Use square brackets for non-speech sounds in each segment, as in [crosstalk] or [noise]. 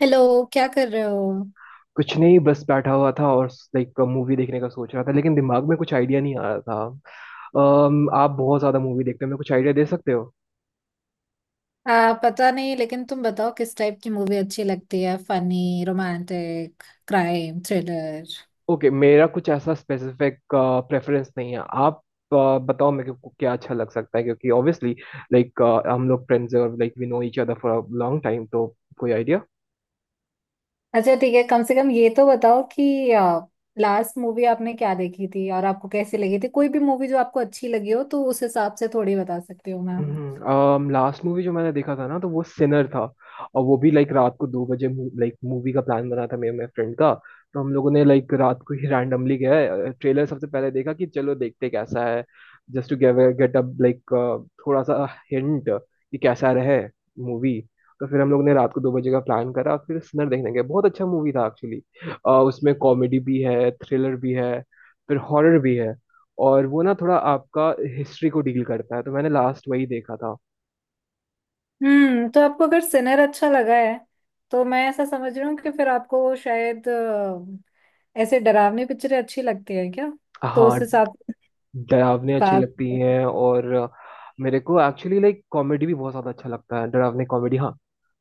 Hello. क्या कर रहे हो? कुछ नहीं, बस बैठा हुआ था और लाइक मूवी देखने का सोच रहा था लेकिन दिमाग में कुछ आइडिया नहीं आ रहा था। आप बहुत ज्यादा मूवी देखते हो, मेरे को कुछ आइडिया दे सकते हो? पता नहीं, लेकिन तुम बताओ किस टाइप की मूवी अच्छी लगती है, funny, romantic, crime, thriller? Okay, मेरा कुछ ऐसा स्पेसिफिक प्रेफरेंस नहीं है। आप बताओ मेरे को क्या अच्छा लग सकता है, क्योंकि ऑब्वियसली लाइक हम लोग फ्रेंड्स हैं और like we know each other for a long time, तो कोई आइडिया? अच्छा, ठीक है। कम से कम ये तो बताओ कि लास्ट मूवी आपने क्या देखी थी और आपको कैसी लगी थी। कोई भी मूवी जो आपको अच्छी लगी हो तो उस हिसाब से थोड़ी बता सकती हूँ मैं। लास्ट मूवी जो मैंने देखा था ना, तो वो सिनर था। और वो भी लाइक रात को 2 बजे। लाइक मूवी का प्लान बना था मेरे मेरे फ्रेंड का। तो हम लोगों ने लाइक रात को ही रैंडमली गया, ट्रेलर सबसे पहले देखा कि चलो देखते कैसा है, just to get up, like थोड़ा सा हिंट कि कैसा रहे मूवी। तो फिर हम लोग ने रात को दो बजे का प्लान करा, फिर सिनर देखने गए। बहुत अच्छा मूवी था एक्चुअली। उसमें कॉमेडी भी है, थ्रिलर भी है, फिर हॉरर भी है। और वो ना थोड़ा आपका हिस्ट्री को डील करता है। तो मैंने लास्ट वही देखा था। हम्म, तो आपको अगर सिनर अच्छा लगा है तो मैं ऐसा समझ रही हूँ कि फिर आपको शायद ऐसे डरावनी पिक्चरें अच्छी लगती है क्या? तो हाँ। उस हिसाब हम्म। से डरावने अच्छी बात। लगती हैं। और मेरे को एक्चुअली लाइक कॉमेडी भी बहुत ज्यादा अच्छा लगता है, डरावने कॉमेडी। हाँ,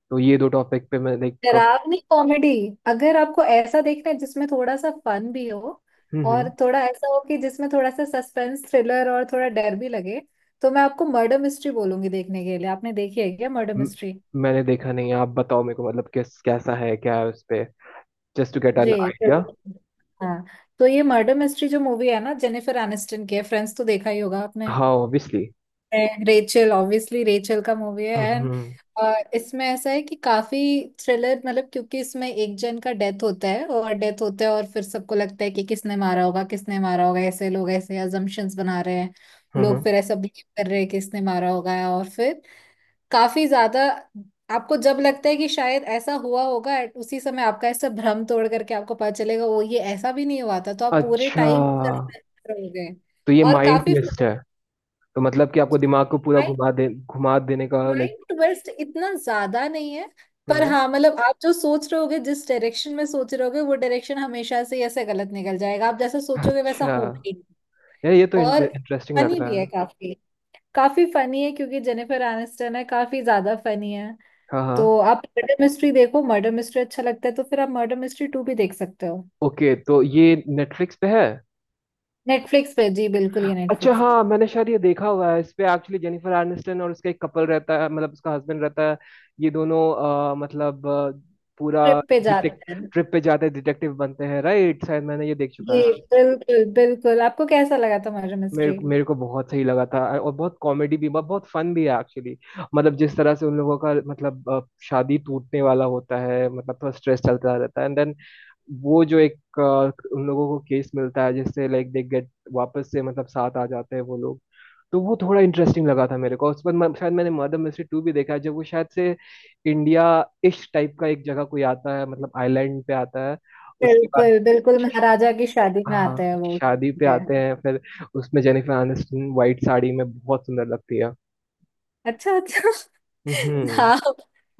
तो ये दो टॉपिक पे मैं लाइक। डरावनी कॉमेडी, अगर आपको ऐसा देखना है जिसमें थोड़ा सा फन भी हो हम्म। और थोड़ा ऐसा हो कि जिसमें थोड़ा सा सस्पेंस थ्रिलर और थोड़ा डर भी लगे, तो मैं आपको मर्डर मिस्ट्री बोलूंगी देखने के लिए। आपने देखी है क्या मर्डर म- मिस्ट्री? मैंने देखा नहीं है। आप बताओ मेरे को, मतलब किस, कैसा है, क्या है उस पे, जस्ट टू गेट जी एन आइडिया। बिल्कुल। हाँ, तो ये मर्डर मिस्ट्री जो मूवी है ना, जेनिफर एनिस्टन की है। फ्रेंड्स तो देखा ही होगा आपने, हाँ ऑब्वियसली। रेचल, ऑब्वियसली रेचल का मूवी है। एंड हम्म। इसमें ऐसा है कि काफी थ्रिलर, मतलब क्योंकि इसमें एक जन का डेथ होता है, और डेथ होता है, और फिर सबको लगता है कि किसने मारा होगा, किसने मारा होगा। ऐसे लोग ऐसे अजम्पशंस बना रहे हैं। हम्म, लोग हम्म। फिर ऐसा बिलीव कर रहे हैं कि इसने मारा होगा, और फिर काफी ज्यादा आपको जब लगता है कि शायद ऐसा हुआ होगा at उसी समय आपका ऐसा भ्रम तोड़ करके आपको पता चलेगा वो ये ऐसा भी नहीं हुआ था, तो आप पूरे अच्छा, टाइम हो गए। तो ये और माइंड काफी ट्विस्ट है? तो मतलब कि आपको दिमाग को पूरा घुमा दे, घुमा देने का लाइक। माइंड ट्विस्ट इतना ज्यादा नहीं है, पर हम्म। हाँ, मतलब आप जो सोच रहे होगे जिस डायरेक्शन में सोच रहे होगे वो डायरेक्शन हमेशा से ही ऐसे गलत निकल जाएगा। आप जैसा सोचोगे वैसा अच्छा, होगा ही नहीं। यार ये तो और इंटरेस्टिंग लग फनी भी रहा है है। काफी। काफी फनी है क्योंकि जेनिफर एनिस्टन है, काफी ज्यादा फनी है। हाँ हाँ। तो आप मर्डर मिस्ट्री देखो। मर्डर मिस्ट्री अच्छा लगता है तो फिर आप मर्डर मिस्ट्री टू भी देख सकते हो। ओके, तो ये नेटफ्लिक्स पे है। नेटफ्लिक्स पे, जी बिल्कुल, ये अच्छा, नेटफ्लिक्स पे। हाँ, मैंने शायद ये देखा हुआ है। इस पे एक्चुअली जेनिफर आर्निस्टन और उसका एक कपल रहता है, मतलब उसका हस्बैंड रहता है। ये दोनों मतलब पूरा ट्रिप पे डिटेक्ट जाते हैं। ट्रिप पे जाते हैं, डिटेक्टिव बनते हैं, राइट? शायद मैंने ये देख चुका जी है। बिल्कुल बिल्कुल, आपको कैसा लगा था मर्डर मेरे मिस्ट्री? मेरे को बहुत सही लगा था। और बहुत कॉमेडी भी, बहुत फन भी है एक्चुअली। मतलब जिस तरह से उन लोगों का, मतलब शादी टूटने वाला होता है, मतलब थोड़ा स्ट्रेस चलता रहता है एंड देन वो जो एक उन लोगों को केस मिलता है जिससे लाइक दे गेट वापस से, मतलब साथ आ जाते हैं वो लोग। तो वो थोड़ा इंटरेस्टिंग लगा था मेरे को। उस पर शायद मैंने मर्डर मिस्ट्री टू भी देखा है, जब वो शायद से इंडिया इश टाइप का एक जगह कोई आता है, मतलब आइलैंड पे आता है उसके बाद। बिल्कुल बिल्कुल, महाराजा की शादी में हाँ, आता है वो, शादी पे पे। आते हैं फिर। उसमें जेनिफर आनिस्टन व्हाइट साड़ी में बहुत सुंदर लगती है। अच्छा अच्छा। [laughs] हम्म। हाँ,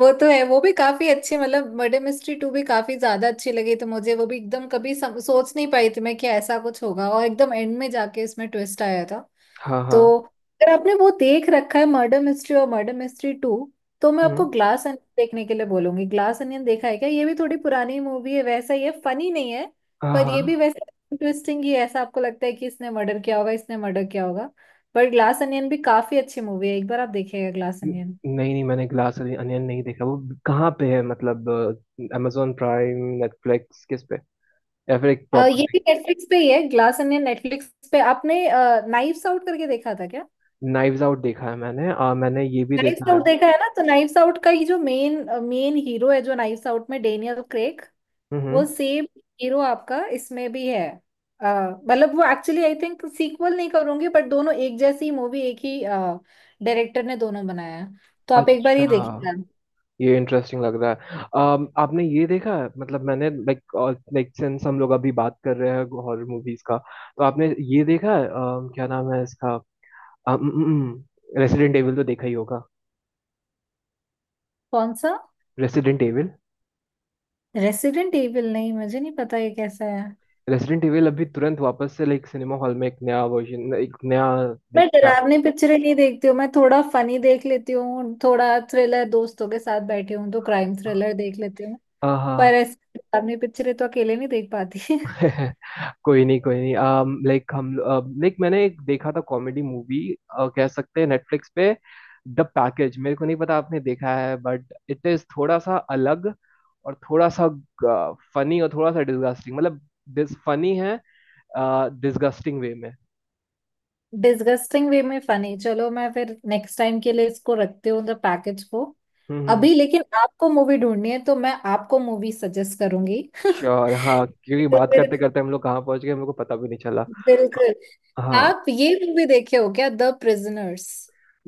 वो तो है। वो भी काफी अच्छी, मतलब मर्डर मिस्ट्री टू भी काफी ज्यादा अच्छी लगी तो मुझे। वो भी एकदम कभी सोच नहीं पाई थी मैं कि ऐसा कुछ होगा, और एकदम एंड में जाके इसमें ट्विस्ट आया था। हाँ हाँ। तो अगर आपने वो देख रखा है मर्डर मिस्ट्री और मर्डर मिस्ट्री टू, तो मैं आपको हम्म। ग्लास अनियन देखने के लिए बोलूंगी। ग्लास अनियन देखा है क्या? ये भी थोड़ी पुरानी मूवी है, वैसा ही है, फनी नहीं है, हाँ पर हाँ। ये भी वैसे इंटरेस्टिंग ही है। ऐसा आपको लगता है कि इसने मर्डर किया होगा, इसने मर्डर किया होगा, बट ग्लास अनियन भी काफी अच्छी मूवी है। एक बार आप देखिएगा ग्लास अनियन। नहीं नहीं, मैंने ग्लास अनियन नहीं देखा। वो कहाँ पे है, मतलब amazon प्राइम, नेटफ्लिक्स, किस पे? या फिर एक प्रॉपर। ये भी नेटफ्लिक्स पे ही है। ग्लास अनियन नेटफ्लिक्स पे। आपने नाइफ्स आउट करके देखा था क्या? नाइव्स आउट देखा है मैंने, और मैंने ये भी नाइफ्स देखा है। आउट देखा है ना, तो नाइफ्स आउट का ये जो मेन मेन हीरो है, जो नाइफ्स आउट में डेनियल क्रेग, हम्म। वो सेम हीरो आपका इसमें भी है। अ, मतलब वो एक्चुअली आई थिंक सीक्वल नहीं करूंगी, बट दोनों एक जैसी मूवी, एक ही डायरेक्टर ने दोनों बनाया है। तो आप एक बार अच्छा, ये देखिएगा। ये इंटरेस्टिंग लग रहा है। आपने ये देखा है? मतलब मैंने लाइक लाइक सिंस हम लोग अभी बात कर रहे हैं हॉरर मूवीज का, तो आपने ये देखा है? क्या नाम है इसका? रेसिडेंट एविल, तो देखा ही होगा। कौन सा? Resident Evil. रेसिडेंट एविल नहीं, मुझे नहीं पता ये कैसा है। रेसिडेंट एविल अभी तुरंत वापस से लाइक सिनेमा हॉल में एक नया वर्जन, एक नया मैं लाइक क्या। डरावनी पिक्चरें नहीं देखती हूँ। मैं थोड़ा फनी देख लेती हूँ, थोड़ा थ्रिलर, दोस्तों के साथ बैठी हूँ तो क्राइम थ्रिलर देख लेती हूँ। हाँ हाँ। पर ऐसे डरावनी पिक्चरें तो अकेले नहीं देख पाती। [laughs] कोई नहीं, कोई नहीं, लाइक हम, लाइक मैंने एक देखा था कॉमेडी मूवी कह सकते हैं, नेटफ्लिक्स पे, द पैकेज। मेरे को नहीं पता आपने देखा है, बट इट इज थोड़ा सा अलग और थोड़ा सा फनी और थोड़ा सा डिस्गस्टिंग। मतलब दिस फनी है डिस्गस्टिंग वे में। डिस्गस्टिंग वे में फनी? चलो, मैं फिर नेक्स्ट टाइम के लिए इसको रखती हूँ, द पैकेज को। हम्म। अभी लेकिन आपको मूवी ढूंढनी है तो मैं आपको मूवी सजेस्ट करूंगी। [laughs] श्योर, हाँ, क्योंकि तो बात फिर करते करते हम लोग कहाँ पहुंच गए मेरे को पता भी नहीं चला। बिल्कुल। हाँ। आप ये मूवी देखे हो क्या, द प्रिजनर्स?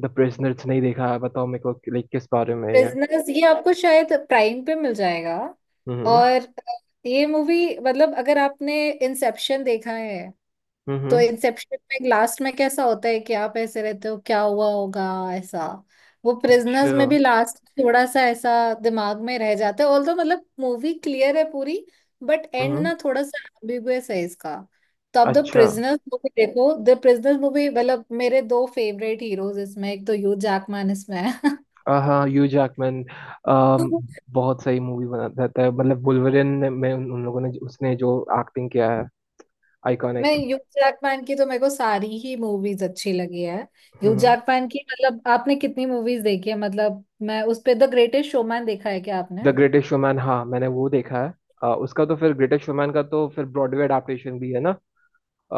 द प्रिजनर्स नहीं देखा है। बताओ मेरे को लाइक किस बारे में है ये। प्रिजनर्स ये आपको शायद प्राइम पे मिल जाएगा। हम्म और ये मूवी, मतलब अगर आपने इंसेप्शन देखा है, तो हम्म। इंसेप्शन में लास्ट में कैसा होता है कि आप ऐसे रहते हो क्या हुआ होगा, ऐसा। वो अच्छा। प्रिजनर्स में भी लास्ट थोड़ा सा ऐसा दिमाग में रह जाता है, ऑल्दो मतलब मूवी क्लियर है पूरी, बट एंड हम्म। ना थोड़ा सा एम्बिगुअस है इसका। तो आप द अच्छा। प्रिजनर्स मूवी देखो। द प्रिजनर्स मूवी मतलब मेरे दो फेवरेट हीरोज इसमें, एक तो ह्यू जैकमैन इसमें है। हाँ ह्यू जैकमैन [laughs] बहुत सही मूवी बना देता है, मतलब वुल्वरिन में उन लोगों ने, उसने जो एक्टिंग किया है, मैं आइकॉनिक। ह्यू जैकमैन की तो, मेरे को सारी ही मूवीज अच्छी लगी है ह्यू हम्म। जैकमैन की। मतलब आपने कितनी मूवीज देखी है मतलब? मैं उस पे द ग्रेटेस्ट शोमैन, देखा है क्या द आपने? ग्रेटेस्ट शोमैन, हाँ मैंने वो देखा है। उसका तो फिर, ग्रेटेस्ट शोमैन का तो फिर ब्रॉडवे अडेप्टेशन भी है ना। अ,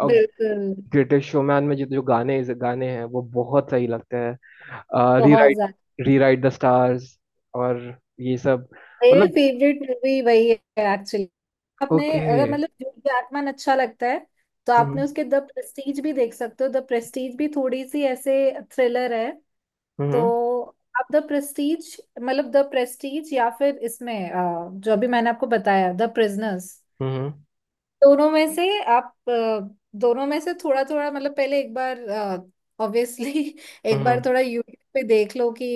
अब बिल्कुल। ग्रेटेस्ट शोमैन में जो जो गाने गाने हैं वो बहुत सही लगते हैं। बहुत रीराइट ज्यादा, रीराइट द स्टार्स और ये सब। मेरी मतलब। फेवरेट मूवी वही है एक्चुअली। आपने ओके। अगर मतलब ह्यू जैकमैन अच्छा लगता है, तो आपने हम्म उसके द प्रेस्टीज भी देख सकते हो। द प्रेस्टीज भी थोड़ी सी ऐसे थ्रिलर है। तो हम्म आप द प्रेस्टीज, मतलब द प्रेस्टीज या फिर इसमें जो अभी मैंने आपको बताया, द प्रिजनर्स, हम्म दोनों में से। आप दोनों में से थोड़ा थोड़ा, मतलब पहले एक बार, ऑब्वियसली [laughs] एक बार हम्म। थोड़ा यूट्यूब पे देख लो कि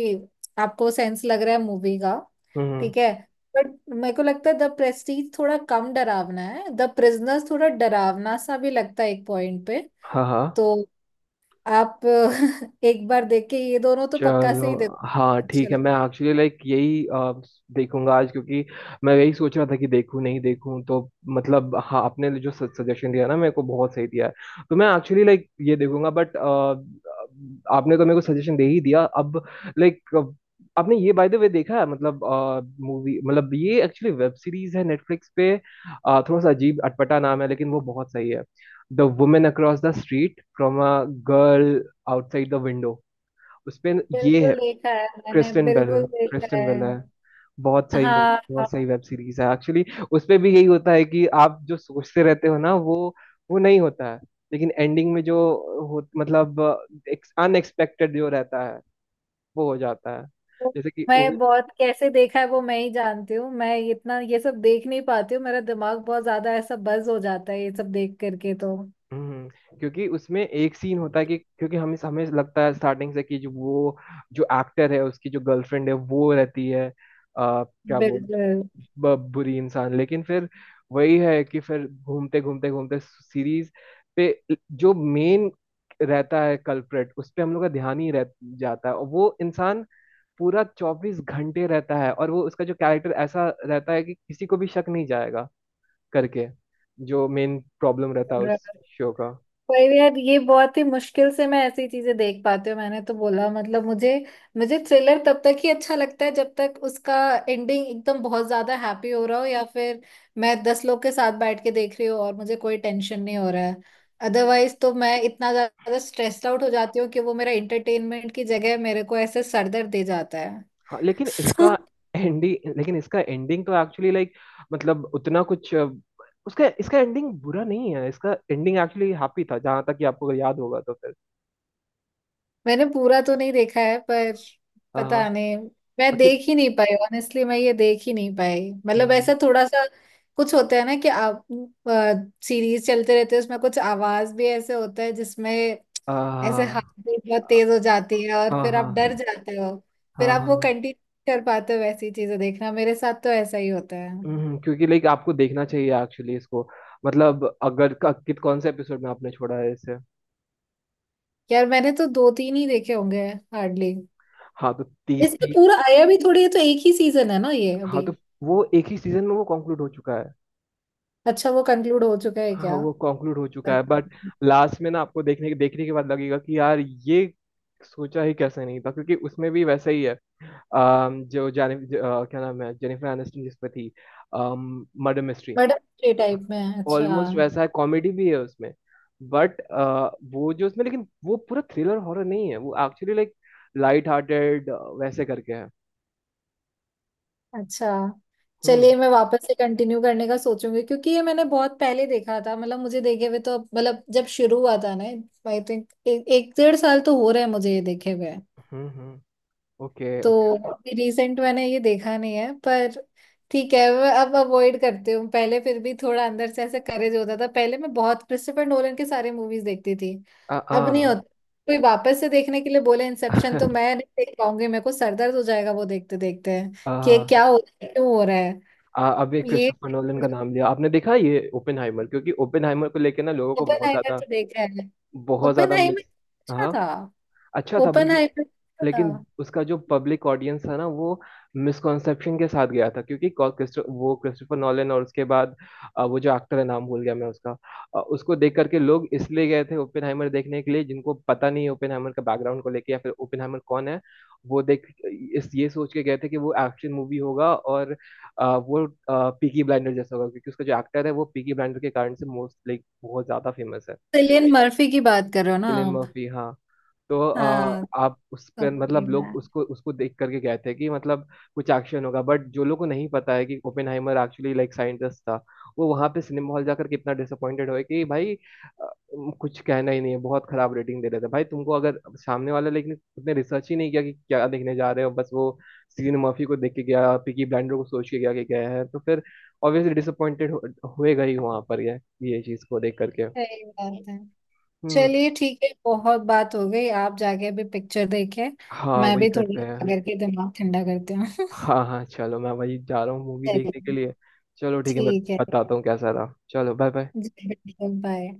आपको सेंस लग रहा है मूवी का, हम्म, ठीक है? बट मेरे को लगता है द प्रेस्टीज थोड़ा कम डरावना है, द प्रिजनर्स थोड़ा डरावना सा भी लगता है एक पॉइंट पे। हाँ हाँ तो आप [laughs] एक बार देख के ये दोनों तो पक्का से चलो। ही हाँ देखो, अच्छे ठीक है, मैं लगे। एक्चुअली लाइक यही देखूंगा आज, क्योंकि मैं यही सोच रहा था कि देखूं नहीं देखूं। तो मतलब हाँ, आपने जो सजेशन दिया ना मेरे को बहुत सही दिया है। तो मैं एक्चुअली लाइक ये देखूंगा, बट आपने तो मेरे को सजेशन दे ही दिया अब लाइक। आपने ये बाय द वे देखा है मतलब मूवी, मतलब ये एक्चुअली वेब सीरीज है, नेटफ्लिक्स पे। थोड़ा सा अजीब अटपटा नाम है लेकिन वो बहुत सही है। The Woman Across the Street from a Girl Outside the Window. उसपे ये है बिल्कुल देखा है मैंने, क्रिस्टिन बेल। बिल्कुल देखा क्रिस्टिन है। बेल है। बहुत सही मूवी, हाँ, बहुत सही वेब सीरीज है एक्चुअली। उसपे भी यही होता है कि आप जो सोचते रहते हो ना, वो नहीं होता है। लेकिन एंडिंग में जो हो, मतलब अनएक्सपेक्टेड जो रहता है वो हो जाता है। वो जैसे कि वो, मैं बहुत कैसे देखा है वो मैं ही जानती हूँ। मैं इतना ये सब देख नहीं पाती हूँ, मेरा दिमाग बहुत ज्यादा ऐसा बज हो जाता है ये सब देख करके, तो हम्म, क्योंकि उसमें एक सीन होता है कि क्योंकि हमें हमें लगता है स्टार्टिंग से कि जो वो जो एक्टर है उसकी जो गर्लफ्रेंड है वो रहती है, क्या बोल, बिल्कुल। बुरी इंसान। लेकिन फिर वही है कि फिर घूमते घूमते घूमते सीरीज पे जो मेन रहता है कल्प्रेट, उस पे हम लोग का ध्यान ही रह जाता है। और वो इंसान पूरा 24 घंटे रहता है, और वो उसका जो कैरेक्टर ऐसा रहता है कि किसी को भी शक नहीं जाएगा करके, जो मेन प्रॉब्लम रहता है और उस शो का। पर यार ये बहुत ही मुश्किल से मैं ऐसी चीजें देख पाती हूँ। मैंने तो बोला मतलब मुझे मुझे थ्रिलर तब तक ही अच्छा लगता है जब तक उसका एंडिंग एकदम बहुत ज्यादा हैप्पी हो रहा हो, या फिर मैं 10 लोग के साथ बैठ के देख रही हूँ और मुझे कोई टेंशन नहीं हो रहा है। अदरवाइज तो मैं इतना ज्यादा स्ट्रेस्ड आउट हो जाती हूँ कि वो मेरा एंटरटेनमेंट की जगह मेरे को ऐसे सरदर्द दे जाता है। हाँ, लेकिन इसका [laughs] एंडिंग, लेकिन इसका एंडिंग तो एक्चुअली लाइक मतलब उतना कुछ उसका, इसका एंडिंग बुरा नहीं है। इसका एंडिंग एक्चुअली हैप्पी था, जहां तक कि आपको अगर याद होगा तो फिर। मैंने पूरा तो नहीं देखा है पर, हाँ। पता नहीं, मैं कि देख ही नहीं पाई ऑनेस्टली। मैं ये देख ही नहीं पाई, मतलब हम्म, ऐसा थोड़ा सा कुछ होता है ना कि आप सीरीज चलते रहते हैं, उसमें कुछ आवाज भी ऐसे होता है जिसमें ऐसे हाथ आ, भी बहुत तेज हो जाती है और हाँ फिर हाँ आप डर हाँ जाते हो। फिर आप वो हाँ। कंटिन्यू कर पाते हो वैसी चीजें देखना? मेरे साथ तो ऐसा ही होता है। क्योंकि लाइक आपको देखना चाहिए एक्चुअली इसको, मतलब अगर क- कित कौन से एपिसोड में आपने छोड़ा है इसे? यार मैंने तो दो तीन ही देखे होंगे, हार्डली। हाँ तो तीस इसमें पूरा आया भी थोड़ी है, तो एक ही सीजन है ना ये हाँ अभी? तो वो एक ही सीजन में वो कंक्लूड हो चुका है। अच्छा, वो कंक्लूड हो चुका है हाँ क्या? वो कंक्लूड हो चुका है, बट मैडम। लास्ट में ना आपको देखने के बाद लगेगा कि यार ये सोचा ही कैसे नहीं था, क्योंकि उसमें भी वैसा ही है। जो जाने क्या नाम है जेनिफर एनिस्टन जिस पे थी, मर्डर मिस्ट्री, थ्री टाइप में है? अच्छा ऑलमोस्ट वैसा है। कॉमेडी भी है उसमें, बट वो जो उसमें, लेकिन वो पूरा थ्रिलर हॉरर नहीं है। वो एक्चुअली लाइक लाइट हार्टेड वैसे करके है। अच्छा। हम्म चलिए मैं वापस से कंटिन्यू करने का सोचूंगी, क्योंकि ये मैंने बहुत पहले देखा था। मतलब मुझे देखे हुए तो, मतलब जब शुरू हुआ था ना, आई थिंक एक एक 1.5 साल तो हो रहा है मुझे ये देखे हुए। हम्म। ओके तो ओके। अभी रिसेंट मैंने ये देखा नहीं है पर, ठीक है, मैं अब अवॉइड करती हूँ। पहले फिर भी थोड़ा अंदर से ऐसा करेज होता था, पहले मैं बहुत क्रिस्टोफर नोलन के सारे मूवीज देखती थी। अब नहीं होता। आ कोई वापस से देखने के लिए बोले इंसेप्शन तो मैं नहीं देख पाऊंगी, मेरे को सर दर्द हो जाएगा वो देखते देखते आ कि ये [laughs] क्या हो रहा है क्यों हो रहा है। अभी ये क्रिस्टोफर नोलन का नाम लिया आपने। देखा ये ओपेनहाइमर? क्योंकि ओपेनहाइमर को लेके ना लोगों को बहुत ओपेनहाइमर ज्यादा, तो देखा है। बहुत ज्यादा ओपेनहाइमर मिस। अच्छा हाँ। था। अच्छा था बल्कि। ओपेनहाइमर अच्छा था। लेकिन उसका जो पब्लिक ऑडियंस था ना वो मिसकॉन्सेप्शन के साथ गया था, क्योंकि वो क्रिस्टोफर नॉलन और उसके बाद वो जो एक्टर है, नाम भूल गया मैं उसका, उसको देख करके लोग इसलिए गए थे ओपेनहाइमर देखने के लिए, जिनको पता नहीं है ओपेनहाइमर का बैकग्राउंड को लेके या फिर ओपेनहाइमर कौन है। वो देख इस ये सोच के गए थे कि वो एक्शन मूवी होगा, और वो पीकी ब्लाइंडर जैसा होगा, क्योंकि उसका जो एक्टर है वो पीकी ब्लाइंडर के कारण से मोस्ट लाइक बहुत ज्यादा फेमस है। सिलियन मर्फी की बात करो ना एलियन आप? मर्फी, हाँ। तो हाँ, आप उस पर, समझी मतलब लोग मैं। उसको उसको देख करके गए थे कि मतलब कुछ एक्शन होगा। बट जो लोगों को नहीं पता है कि ओपेनहाइमर एक्चुअली लाइक साइंटिस्ट था, वो वहां पे सिनेमा हॉल जाकर के इतना डिसअपॉइंटेड हुए कि भाई, कुछ कहना ही नहीं है। बहुत खराब रेटिंग दे रहे थे, भाई तुमको अगर सामने वाला, लेकिन उसने रिसर्च ही नहीं किया कि क्या देखने जा रहे हो। बस वो सीन मर्फी को देख के गया, पिकी ब्लाइंडर को सोच के गया कि गया है, तो फिर ऑब्वियसली डिसअपॉइंटेड हुएगा ही वहां पर, ये चीज को देख करके। सही बात है। हम्म। चलिए ठीक है, बहुत बात हो गई, आप जाके अभी पिक्चर देखें। हाँ मैं वही भी थोड़ी करते हैं। करके दिमाग ठंडा करती हूँ। [laughs] हाँ हाँ चलो, मैं वही जा रहा हूँ मूवी चलिए देखने के लिए। चलो ठीक है, मैं ठीक बताता हूँ कैसा रहा। चलो बाय बाय। है। बाय।